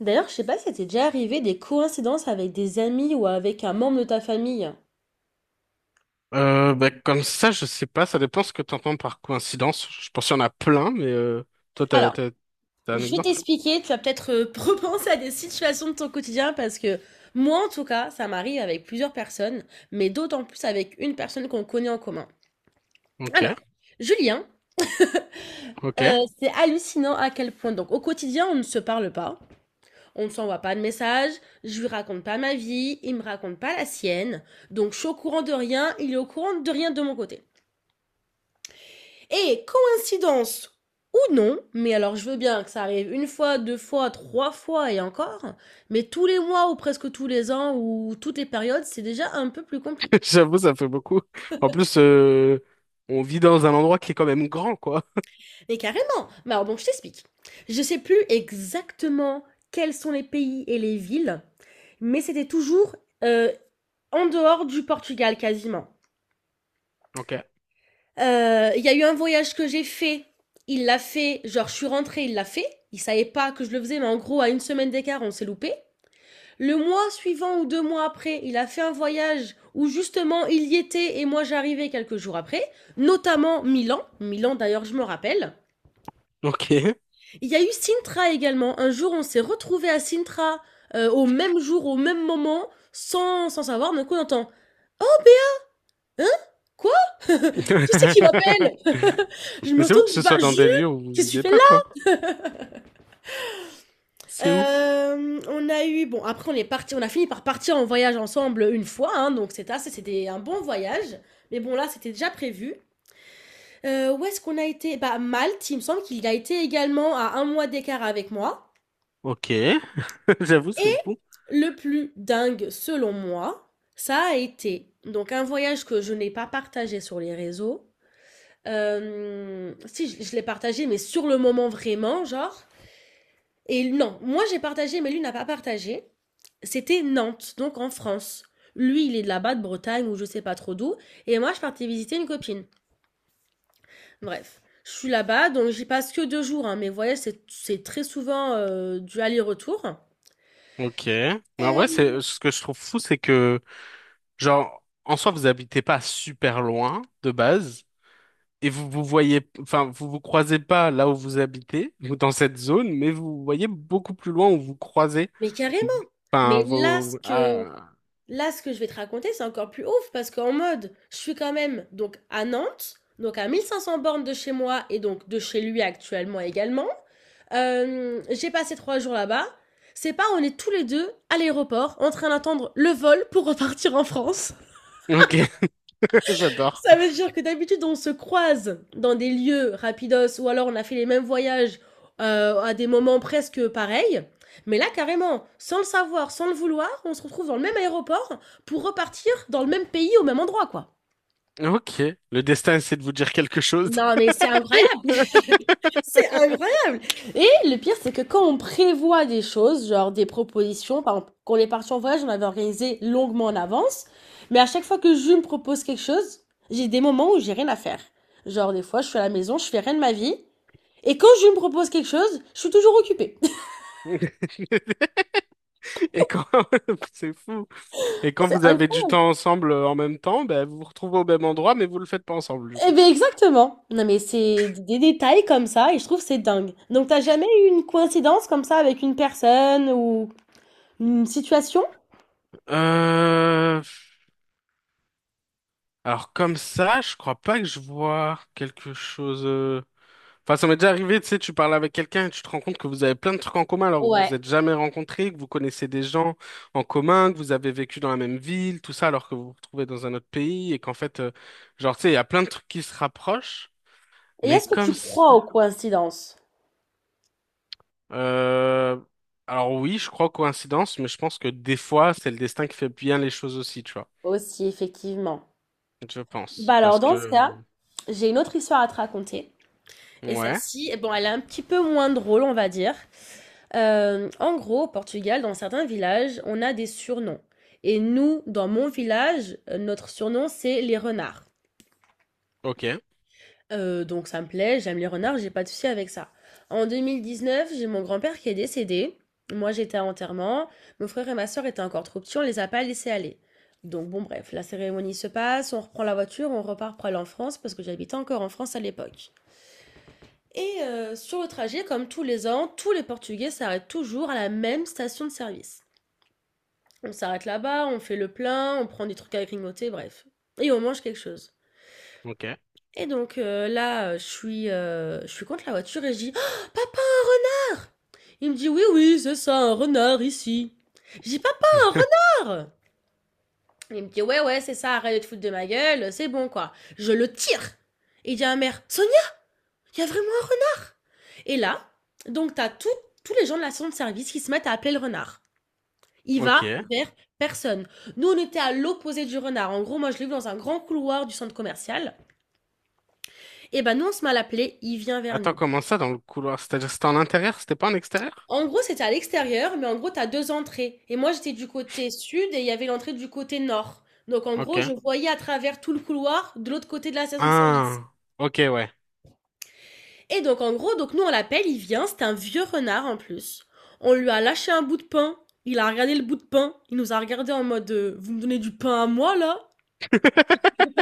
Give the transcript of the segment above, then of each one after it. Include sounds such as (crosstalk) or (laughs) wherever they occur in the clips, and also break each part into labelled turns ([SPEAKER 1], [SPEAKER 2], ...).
[SPEAKER 1] D'ailleurs, je sais pas si ça t'est déjà arrivé des coïncidences avec des amis ou avec un membre de ta famille.
[SPEAKER 2] Bah, comme ça, je sais pas, ça dépend ce que tu entends par coïncidence. Je pense qu'il y en a plein, mais toi, t'as,
[SPEAKER 1] Alors,
[SPEAKER 2] t'as, t'as un
[SPEAKER 1] je vais
[SPEAKER 2] exemple?
[SPEAKER 1] t'expliquer, tu vas peut-être (laughs) repenser à des situations de ton quotidien parce que moi, en tout cas, ça m'arrive avec plusieurs personnes, mais d'autant plus avec une personne qu'on connaît en commun.
[SPEAKER 2] Ok,
[SPEAKER 1] Alors, Julien,
[SPEAKER 2] ok.
[SPEAKER 1] c'est hallucinant à quel point. Donc, au quotidien, on ne se parle pas, on ne s'envoie pas de messages, je lui raconte pas ma vie, il me raconte pas la sienne, donc je suis au courant de rien, il est au courant de rien de mon côté. Et coïncidence ou non, mais alors je veux bien que ça arrive une fois, deux fois, trois fois et encore, mais tous les mois ou presque tous les ans ou toutes les périodes, c'est déjà un peu plus
[SPEAKER 2] (laughs)
[SPEAKER 1] compliqué.
[SPEAKER 2] J'avoue, ça fait beaucoup. En plus, on vit dans un endroit qui est quand même grand, quoi.
[SPEAKER 1] Mais carrément. Mais alors donc je t'explique. Je sais plus exactement quels sont les pays et les villes, mais c'était toujours euh, en dehors du Portugal quasiment.
[SPEAKER 2] Ok,
[SPEAKER 1] Il y a eu un voyage que j'ai fait, il l'a fait, genre je suis rentrée, il l'a fait, il savait pas que je le faisais, mais en gros à une semaine d'écart on s'est loupé. Le mois suivant ou deux mois après, il a fait un voyage où justement il y était et moi j'arrivais quelques jours après, notamment Milan. Milan d'ailleurs je me rappelle.
[SPEAKER 2] ok.
[SPEAKER 1] Il y a eu Sintra également. Un jour on s'est retrouvé à Sintra au même jour, au même moment, sans savoir. D'un coup on entend: Hein? Quoi? (laughs) Qui c'est qui m'appelle?
[SPEAKER 2] (laughs)
[SPEAKER 1] Je
[SPEAKER 2] Mais
[SPEAKER 1] me
[SPEAKER 2] c'est ouf
[SPEAKER 1] retourne,
[SPEAKER 2] que
[SPEAKER 1] je
[SPEAKER 2] ce
[SPEAKER 1] dis:
[SPEAKER 2] soit
[SPEAKER 1] Bah,
[SPEAKER 2] dans des
[SPEAKER 1] Jules!
[SPEAKER 2] lieux où vous
[SPEAKER 1] Qu'est-ce que tu
[SPEAKER 2] vivez
[SPEAKER 1] fais
[SPEAKER 2] pas, quoi.
[SPEAKER 1] là?
[SPEAKER 2] C'est ouf.
[SPEAKER 1] On a eu. Bon, après on est parti, on a fini par partir en voyage ensemble une fois, hein, donc c'était assez, c'était un bon voyage. Mais bon, là c'était déjà prévu. Où est-ce qu'on a été? Bah, Malte, il me semble qu'il a été également à un mois d'écart avec moi.
[SPEAKER 2] Ok, (laughs) j'avoue, c'est
[SPEAKER 1] Et
[SPEAKER 2] fou.
[SPEAKER 1] le plus dingue, selon moi, ça a été donc un voyage que je n'ai pas partagé sur les réseaux. Si, je l'ai partagé, mais sur le moment vraiment, genre. Et non, moi j'ai partagé, mais lui n'a pas partagé. C'était Nantes, donc en France. Lui, il est de là-bas, de Bretagne, ou je sais pas trop d'où. Et moi, je partais visiter une copine. Bref, je suis là-bas, donc j'y passe que deux jours, hein, mais vous voyez, c'est très souvent du aller-retour.
[SPEAKER 2] Ok. Mais en vrai,
[SPEAKER 1] Euh,
[SPEAKER 2] c'est ce que je trouve fou, c'est que, genre, en soi, vous habitez pas super loin de base. Et vous vous voyez, enfin, vous vous croisez pas là où vous habitez, ou dans cette zone, mais vous voyez beaucoup plus loin où vous croisez,
[SPEAKER 1] Mais carrément.
[SPEAKER 2] enfin,
[SPEAKER 1] Mais là, ce
[SPEAKER 2] vos,
[SPEAKER 1] que,
[SPEAKER 2] ah,
[SPEAKER 1] là, ce que je vais te raconter, c'est encore plus ouf parce qu'en mode, je suis quand même donc à Nantes, donc à 1500 bornes de chez moi et donc de chez lui actuellement également. J'ai passé trois jours là-bas. C'est pas, on est tous les deux à l'aéroport en train d'attendre le vol pour repartir en France.
[SPEAKER 2] ok, (laughs) j'adore.
[SPEAKER 1] Ça veut dire que d'habitude, on se croise dans des lieux rapidos ou alors on a fait les mêmes voyages à des moments presque pareils. Mais là, carrément, sans le savoir, sans le vouloir, on se retrouve dans le même aéroport pour repartir dans le même pays au même endroit, quoi.
[SPEAKER 2] Ok, le destin essaie de vous dire quelque chose.
[SPEAKER 1] Non, mais c'est incroyable. C'est
[SPEAKER 2] (laughs)
[SPEAKER 1] incroyable! Et le pire, c'est que quand on prévoit des choses, genre des propositions, par exemple, quand on est parti en voyage, on avait organisé longuement en avance, mais à chaque fois que je me propose quelque chose, j'ai des moments où j'ai rien à faire. Genre, des fois, je suis à la maison, je fais rien de ma vie, et quand je me propose quelque chose, je suis toujours occupée. (laughs)
[SPEAKER 2] Et quand, (laughs) c'est fou. Et quand
[SPEAKER 1] C'est
[SPEAKER 2] vous avez du
[SPEAKER 1] incroyable!
[SPEAKER 2] temps ensemble en même temps, ben, vous vous retrouvez au même endroit, mais vous le faites pas ensemble, du
[SPEAKER 1] Eh
[SPEAKER 2] coup.
[SPEAKER 1] ben, exactement! Non, mais c'est des détails comme ça, et je trouve que c'est dingue. Donc, t'as jamais eu une coïncidence comme ça avec une personne ou une situation?
[SPEAKER 2] Euh, alors comme ça, je crois pas que je vois quelque chose. Enfin, ça m'est déjà arrivé, tu sais, tu parles avec quelqu'un et tu te rends compte que vous avez plein de trucs en commun alors que vous vous
[SPEAKER 1] Ouais.
[SPEAKER 2] êtes jamais rencontrés, que vous connaissez des gens en commun, que vous avez vécu dans la même ville, tout ça alors que vous vous retrouvez dans un autre pays et qu'en fait, genre, tu sais, il y a plein de trucs qui se rapprochent,
[SPEAKER 1] Et
[SPEAKER 2] mais
[SPEAKER 1] est-ce que
[SPEAKER 2] comme
[SPEAKER 1] tu
[SPEAKER 2] ça.
[SPEAKER 1] crois aux coïncidences?
[SPEAKER 2] Euh... Alors oui, je crois coïncidence, mais je pense que des fois, c'est le destin qui fait bien les choses aussi, tu vois.
[SPEAKER 1] Aussi, effectivement.
[SPEAKER 2] Je
[SPEAKER 1] Bah
[SPEAKER 2] pense.
[SPEAKER 1] alors,
[SPEAKER 2] Parce
[SPEAKER 1] dans ce cas,
[SPEAKER 2] que...
[SPEAKER 1] j'ai une autre histoire à te raconter. Et
[SPEAKER 2] Ouais,
[SPEAKER 1] celle-ci, eh bon, elle est un petit peu moins drôle, on va dire. En gros, au Portugal, dans certains villages, on a des surnoms. Et nous, dans mon village, notre surnom, c'est les renards.
[SPEAKER 2] ok,
[SPEAKER 1] Donc ça me plaît, j'aime les renards, j'ai pas de souci avec ça. En 2019, j'ai mon grand-père qui est décédé. Moi, j'étais à l'enterrement, mon frère et ma sœur étaient encore trop petits, on les a pas laissés aller. Donc bon, bref, la cérémonie se passe, on reprend la voiture, on repart pour aller en France parce que j'habitais encore en France à l'époque. Et sur le trajet, comme tous les ans, tous les Portugais s'arrêtent toujours à la même station de service. On s'arrête là-bas, on fait le plein, on prend des trucs à grignoter, bref. Et on mange quelque chose.
[SPEAKER 2] ok,
[SPEAKER 1] Et donc là, je suis contre la voiture et je dis: Oh, Papa! Il me dit: Oui, oui, c'est ça, un renard ici. Je dis: Papa, un
[SPEAKER 2] (laughs)
[SPEAKER 1] renard! Il me dit: Ouais, ouais, c'est ça, arrête de te foutre de ma gueule, c'est bon quoi. Je le tire. Et il dit à ma mère: Sonia, il y a vraiment un renard! Et là, donc t'as tout, tous les gens de la station de service qui se mettent à appeler le renard. Il va
[SPEAKER 2] ok.
[SPEAKER 1] vers personne. Nous, on était à l'opposé du renard. En gros, moi, je l'ai vu dans un grand couloir du centre commercial. Et ben, nous, on se met à l'appeler, il vient vers
[SPEAKER 2] Attends,
[SPEAKER 1] nous.
[SPEAKER 2] comment ça dans le couloir? C'est-à-dire, c'était en intérieur, c'était pas en extérieur?
[SPEAKER 1] En gros, c'était à l'extérieur, mais en gros, tu as deux entrées. Et moi, j'étais du côté sud et il y avait l'entrée du côté nord. Donc, en
[SPEAKER 2] Ok.
[SPEAKER 1] gros, je voyais à travers tout le couloir de l'autre côté de la station de service.
[SPEAKER 2] Ah, ok, ouais.
[SPEAKER 1] Et donc, en gros, donc nous, on l'appelle, il vient. C'est un vieux renard en plus. On lui a lâché un bout de pain. Il a regardé le bout de pain. Il nous a regardé en mode Vous me donnez du pain à moi, là?
[SPEAKER 2] (laughs)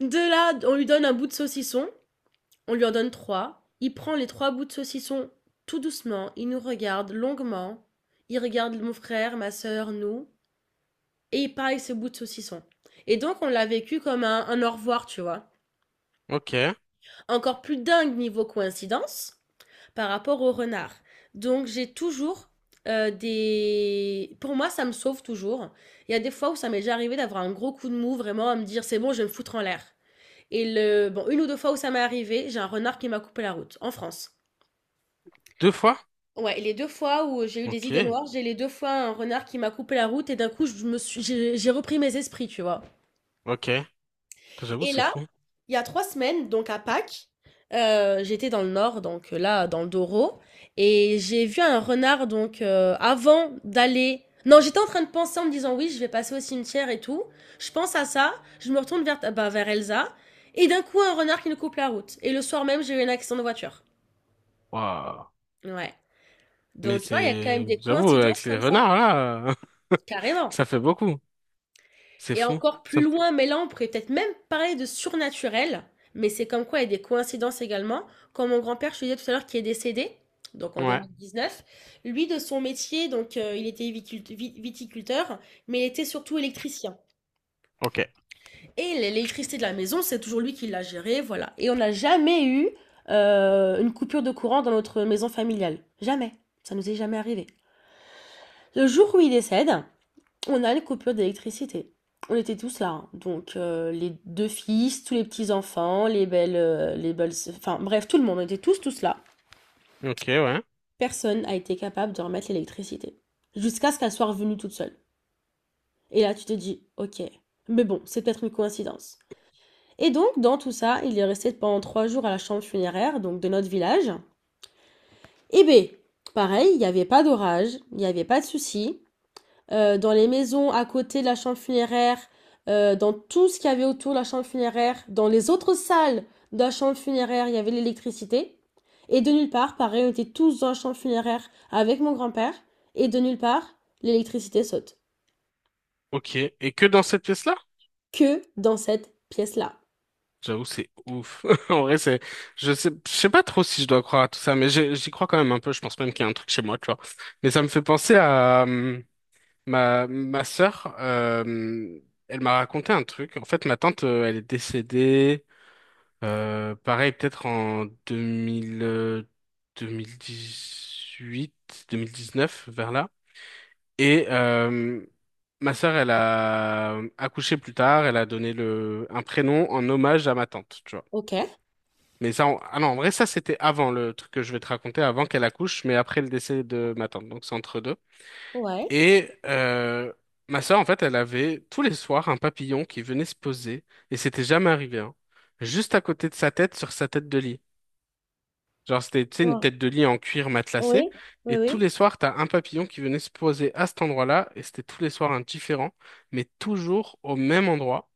[SPEAKER 1] De là, on lui donne un bout de saucisson. On lui en donne trois. Il prend les trois bouts de saucisson tout doucement. Il nous regarde longuement. Il regarde mon frère, ma sœur, nous. Et pareil, ce bout de saucisson. Et donc, on l'a vécu comme un au revoir, tu vois.
[SPEAKER 2] Ok.
[SPEAKER 1] Encore plus dingue niveau coïncidence par rapport au renard. Donc, j'ai toujours des. Pour moi, ça me sauve toujours. Il y a des fois où ça m'est déjà arrivé d'avoir un gros coup de mou, vraiment, à me dire c'est bon, je vais me foutre en l'air. Et le… bon, une ou deux fois où ça m'est arrivé, j'ai un renard qui m'a coupé la route, en France.
[SPEAKER 2] Deux fois?
[SPEAKER 1] Ouais, et les deux fois où j'ai eu des idées
[SPEAKER 2] Ok,
[SPEAKER 1] noires, j'ai les deux fois un renard qui m'a coupé la route et d'un coup, je me suis… j'ai repris mes esprits, tu vois.
[SPEAKER 2] ok. J'avoue,
[SPEAKER 1] Et
[SPEAKER 2] c'est
[SPEAKER 1] là,
[SPEAKER 2] fou.
[SPEAKER 1] il y a trois semaines, donc à Pâques, j'étais dans le nord, donc là, dans le Doro, et j'ai vu un renard, donc avant d'aller… Non, j'étais en train de penser en me disant oui, je vais passer au cimetière et tout. Je pense à ça, je me retourne vers, bah, vers Elsa, et d'un coup, un renard qui nous coupe la route. Et le soir même, j'ai eu un accident de voiture.
[SPEAKER 2] Waouh.
[SPEAKER 1] Ouais.
[SPEAKER 2] Mais
[SPEAKER 1] Donc, tu vois, il y a quand même
[SPEAKER 2] c'est...
[SPEAKER 1] des
[SPEAKER 2] J'avoue, avec
[SPEAKER 1] coïncidences
[SPEAKER 2] les
[SPEAKER 1] comme ça.
[SPEAKER 2] renards, là, (laughs)
[SPEAKER 1] Carrément.
[SPEAKER 2] ça fait beaucoup. C'est
[SPEAKER 1] Et
[SPEAKER 2] fou.
[SPEAKER 1] encore plus
[SPEAKER 2] Ça-
[SPEAKER 1] loin, mais là, on pourrait peut-être même parler de surnaturel. Mais c'est comme quoi, il y a des coïncidences également. Comme mon grand-père, je te disais tout à l'heure, qui est décédé, donc en
[SPEAKER 2] Ouais,
[SPEAKER 1] 2019, lui, de son métier, donc il était viticult- vi- viticulteur, mais il était surtout électricien.
[SPEAKER 2] ok.
[SPEAKER 1] Et l'électricité de la maison, c'est toujours lui qui l'a gérée, voilà. Et on n'a jamais eu une coupure de courant dans notre maison familiale. Jamais. Ça nous est jamais arrivé. Le jour où il décède, on a une coupure d'électricité. On était tous là, hein. Donc les deux fils, tous les petits-enfants, les belles… Enfin bref, tout le monde, on était tous là.
[SPEAKER 2] Ok, ouais.
[SPEAKER 1] Personne n'a été capable de remettre l'électricité. Jusqu'à ce qu'elle soit revenue toute seule. Et là, tu te dis, ok, mais bon, c'est peut-être une coïncidence. Et donc, dans tout ça, il est resté pendant trois jours à la chambre funéraire, donc de notre village. Et ben, pareil, il n'y avait pas d'orage, il n'y avait pas de souci. Euh, dans les maisons à côté de la chambre funéraire, dans tout ce qu'il y avait autour de la chambre funéraire, dans les autres salles de la chambre funéraire, il y avait l'électricité. Et de nulle part, pareil, on était tous dans la chambre funéraire avec mon grand-père. Et de nulle part, l'électricité saute.
[SPEAKER 2] Ok. Et que dans cette pièce-là?
[SPEAKER 1] Que dans cette pièce-là.
[SPEAKER 2] J'avoue, c'est ouf. (laughs) En vrai, c'est... je sais pas trop si je dois croire à tout ça, mais j'ai- j'y crois quand même un peu. Je pense même qu'il y a un truc chez moi, tu vois. Mais ça me fait penser à... Ma sœur, elle m'a raconté un truc. En fait, ma tante, elle est décédée, pareil, peut-être en 2000, dix neuf vers là. Et ma sœur, elle a accouché plus tard, elle a donné un prénom en hommage à ma tante, tu vois.
[SPEAKER 1] Ok.
[SPEAKER 2] Mais ça, ah non, en vrai, ça, c'était avant le truc que je vais te raconter, avant qu'elle accouche, mais après le décès de ma tante. Donc, c'est entre deux.
[SPEAKER 1] Ouais.
[SPEAKER 2] Et ma sœur, en fait, elle avait tous les soirs un papillon qui venait se poser, et c'était jamais arrivé, hein, juste à côté de sa tête, sur sa tête de lit. Genre, c'était, tu sais, une
[SPEAKER 1] Ouais.
[SPEAKER 2] tête de lit en cuir matelassé,
[SPEAKER 1] Oui. Oui,
[SPEAKER 2] et tous
[SPEAKER 1] oui.
[SPEAKER 2] les soirs, t'as un papillon qui venait se poser à cet endroit-là, et c'était tous les soirs un différent, mais toujours au même endroit.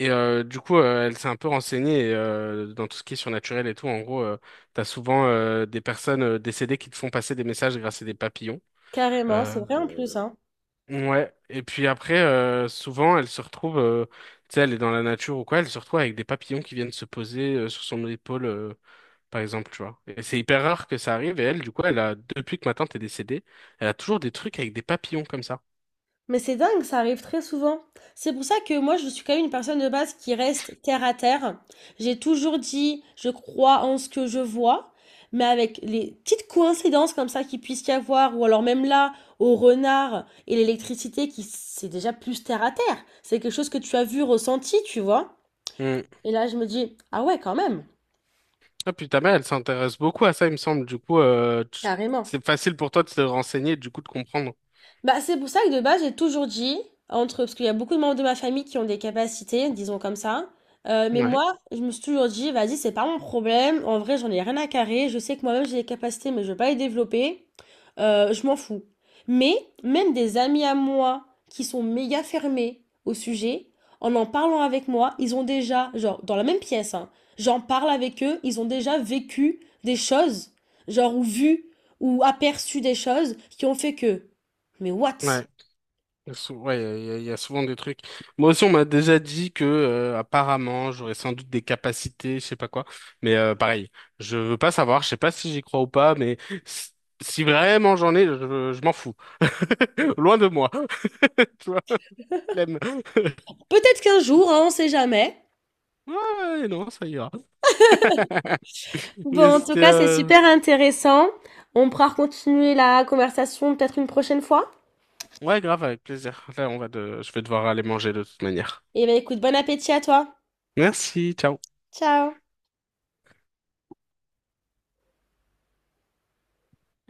[SPEAKER 2] Et du coup, elle s'est un peu renseignée et, dans tout ce qui est surnaturel et tout. En gros, t'as souvent des personnes décédées qui te font passer des messages grâce à des papillons.
[SPEAKER 1] Carrément, c'est
[SPEAKER 2] Euh,
[SPEAKER 1] vrai en plus, hein.
[SPEAKER 2] Ouais, et puis après, souvent, elle se retrouve, tu sais, elle est dans la nature ou quoi, elle se retrouve avec des papillons qui viennent se poser sur son épaule, par exemple, tu vois. Et c'est hyper rare que ça arrive, et elle, du coup, elle a, depuis que ma tante est décédée, elle a toujours des trucs avec des papillons comme ça.
[SPEAKER 1] Mais c'est dingue, ça arrive très souvent. C'est pour ça que moi, je suis quand même une personne de base qui reste terre à terre. J'ai toujours dit, je crois en ce que je vois, mais avec les petites coïncidences comme ça qu'il puisse y avoir, ou alors même là, au renard et l'électricité qui, c'est déjà plus terre à terre. C'est quelque chose que tu as vu, ressenti, tu vois.
[SPEAKER 2] Mm.
[SPEAKER 1] Et là, je me dis, ah ouais, quand même,
[SPEAKER 2] Ah, puis ta mère, elle s'intéresse beaucoup à ça, il me semble, du coup,
[SPEAKER 1] carrément.
[SPEAKER 2] c'est facile pour toi de te renseigner, et du coup, de comprendre.
[SPEAKER 1] Bah, c'est pour ça que de base, j'ai toujours dit, entre, parce qu'il y a beaucoup de membres de ma famille qui ont des capacités, disons comme ça, mais
[SPEAKER 2] Ouais,
[SPEAKER 1] moi, je me suis toujours dit, vas-y, c'est pas mon problème, en vrai, j'en ai rien à carrer, je sais que moi-même j'ai des capacités, mais je veux pas les développer, je m'en fous. Mais même des amis à moi qui sont méga fermés au sujet, en en parlant avec moi, ils ont déjà, genre, dans la même pièce, hein, j'en parle avec eux, ils ont déjà vécu des choses, genre, ou vu, ou aperçu des choses qui ont fait que. Mais what?
[SPEAKER 2] ouais. Il y a sou- Ouais, il y a souvent des trucs. Moi aussi, on m'a déjà dit que apparemment, j'aurais sans doute des capacités, je sais pas quoi. Mais pareil, je veux pas savoir, je sais pas si j'y crois ou pas, mais si si vraiment j'en ai, je m'en fous. (laughs) Loin de moi. (laughs) Tu vois, flemme. (laughs)
[SPEAKER 1] Peut-être qu'un jour, hein, on sait jamais.
[SPEAKER 2] Ouais, non, ça ira. Mais
[SPEAKER 1] Bon, en tout
[SPEAKER 2] c'était
[SPEAKER 1] cas, c'est super intéressant. On pourra continuer la conversation peut-être une prochaine fois.
[SPEAKER 2] ouais, grave, avec plaisir. Là, je vais devoir aller manger de toute manière.
[SPEAKER 1] Et ben écoute, bon appétit à toi.
[SPEAKER 2] Merci, ciao.
[SPEAKER 1] Ciao.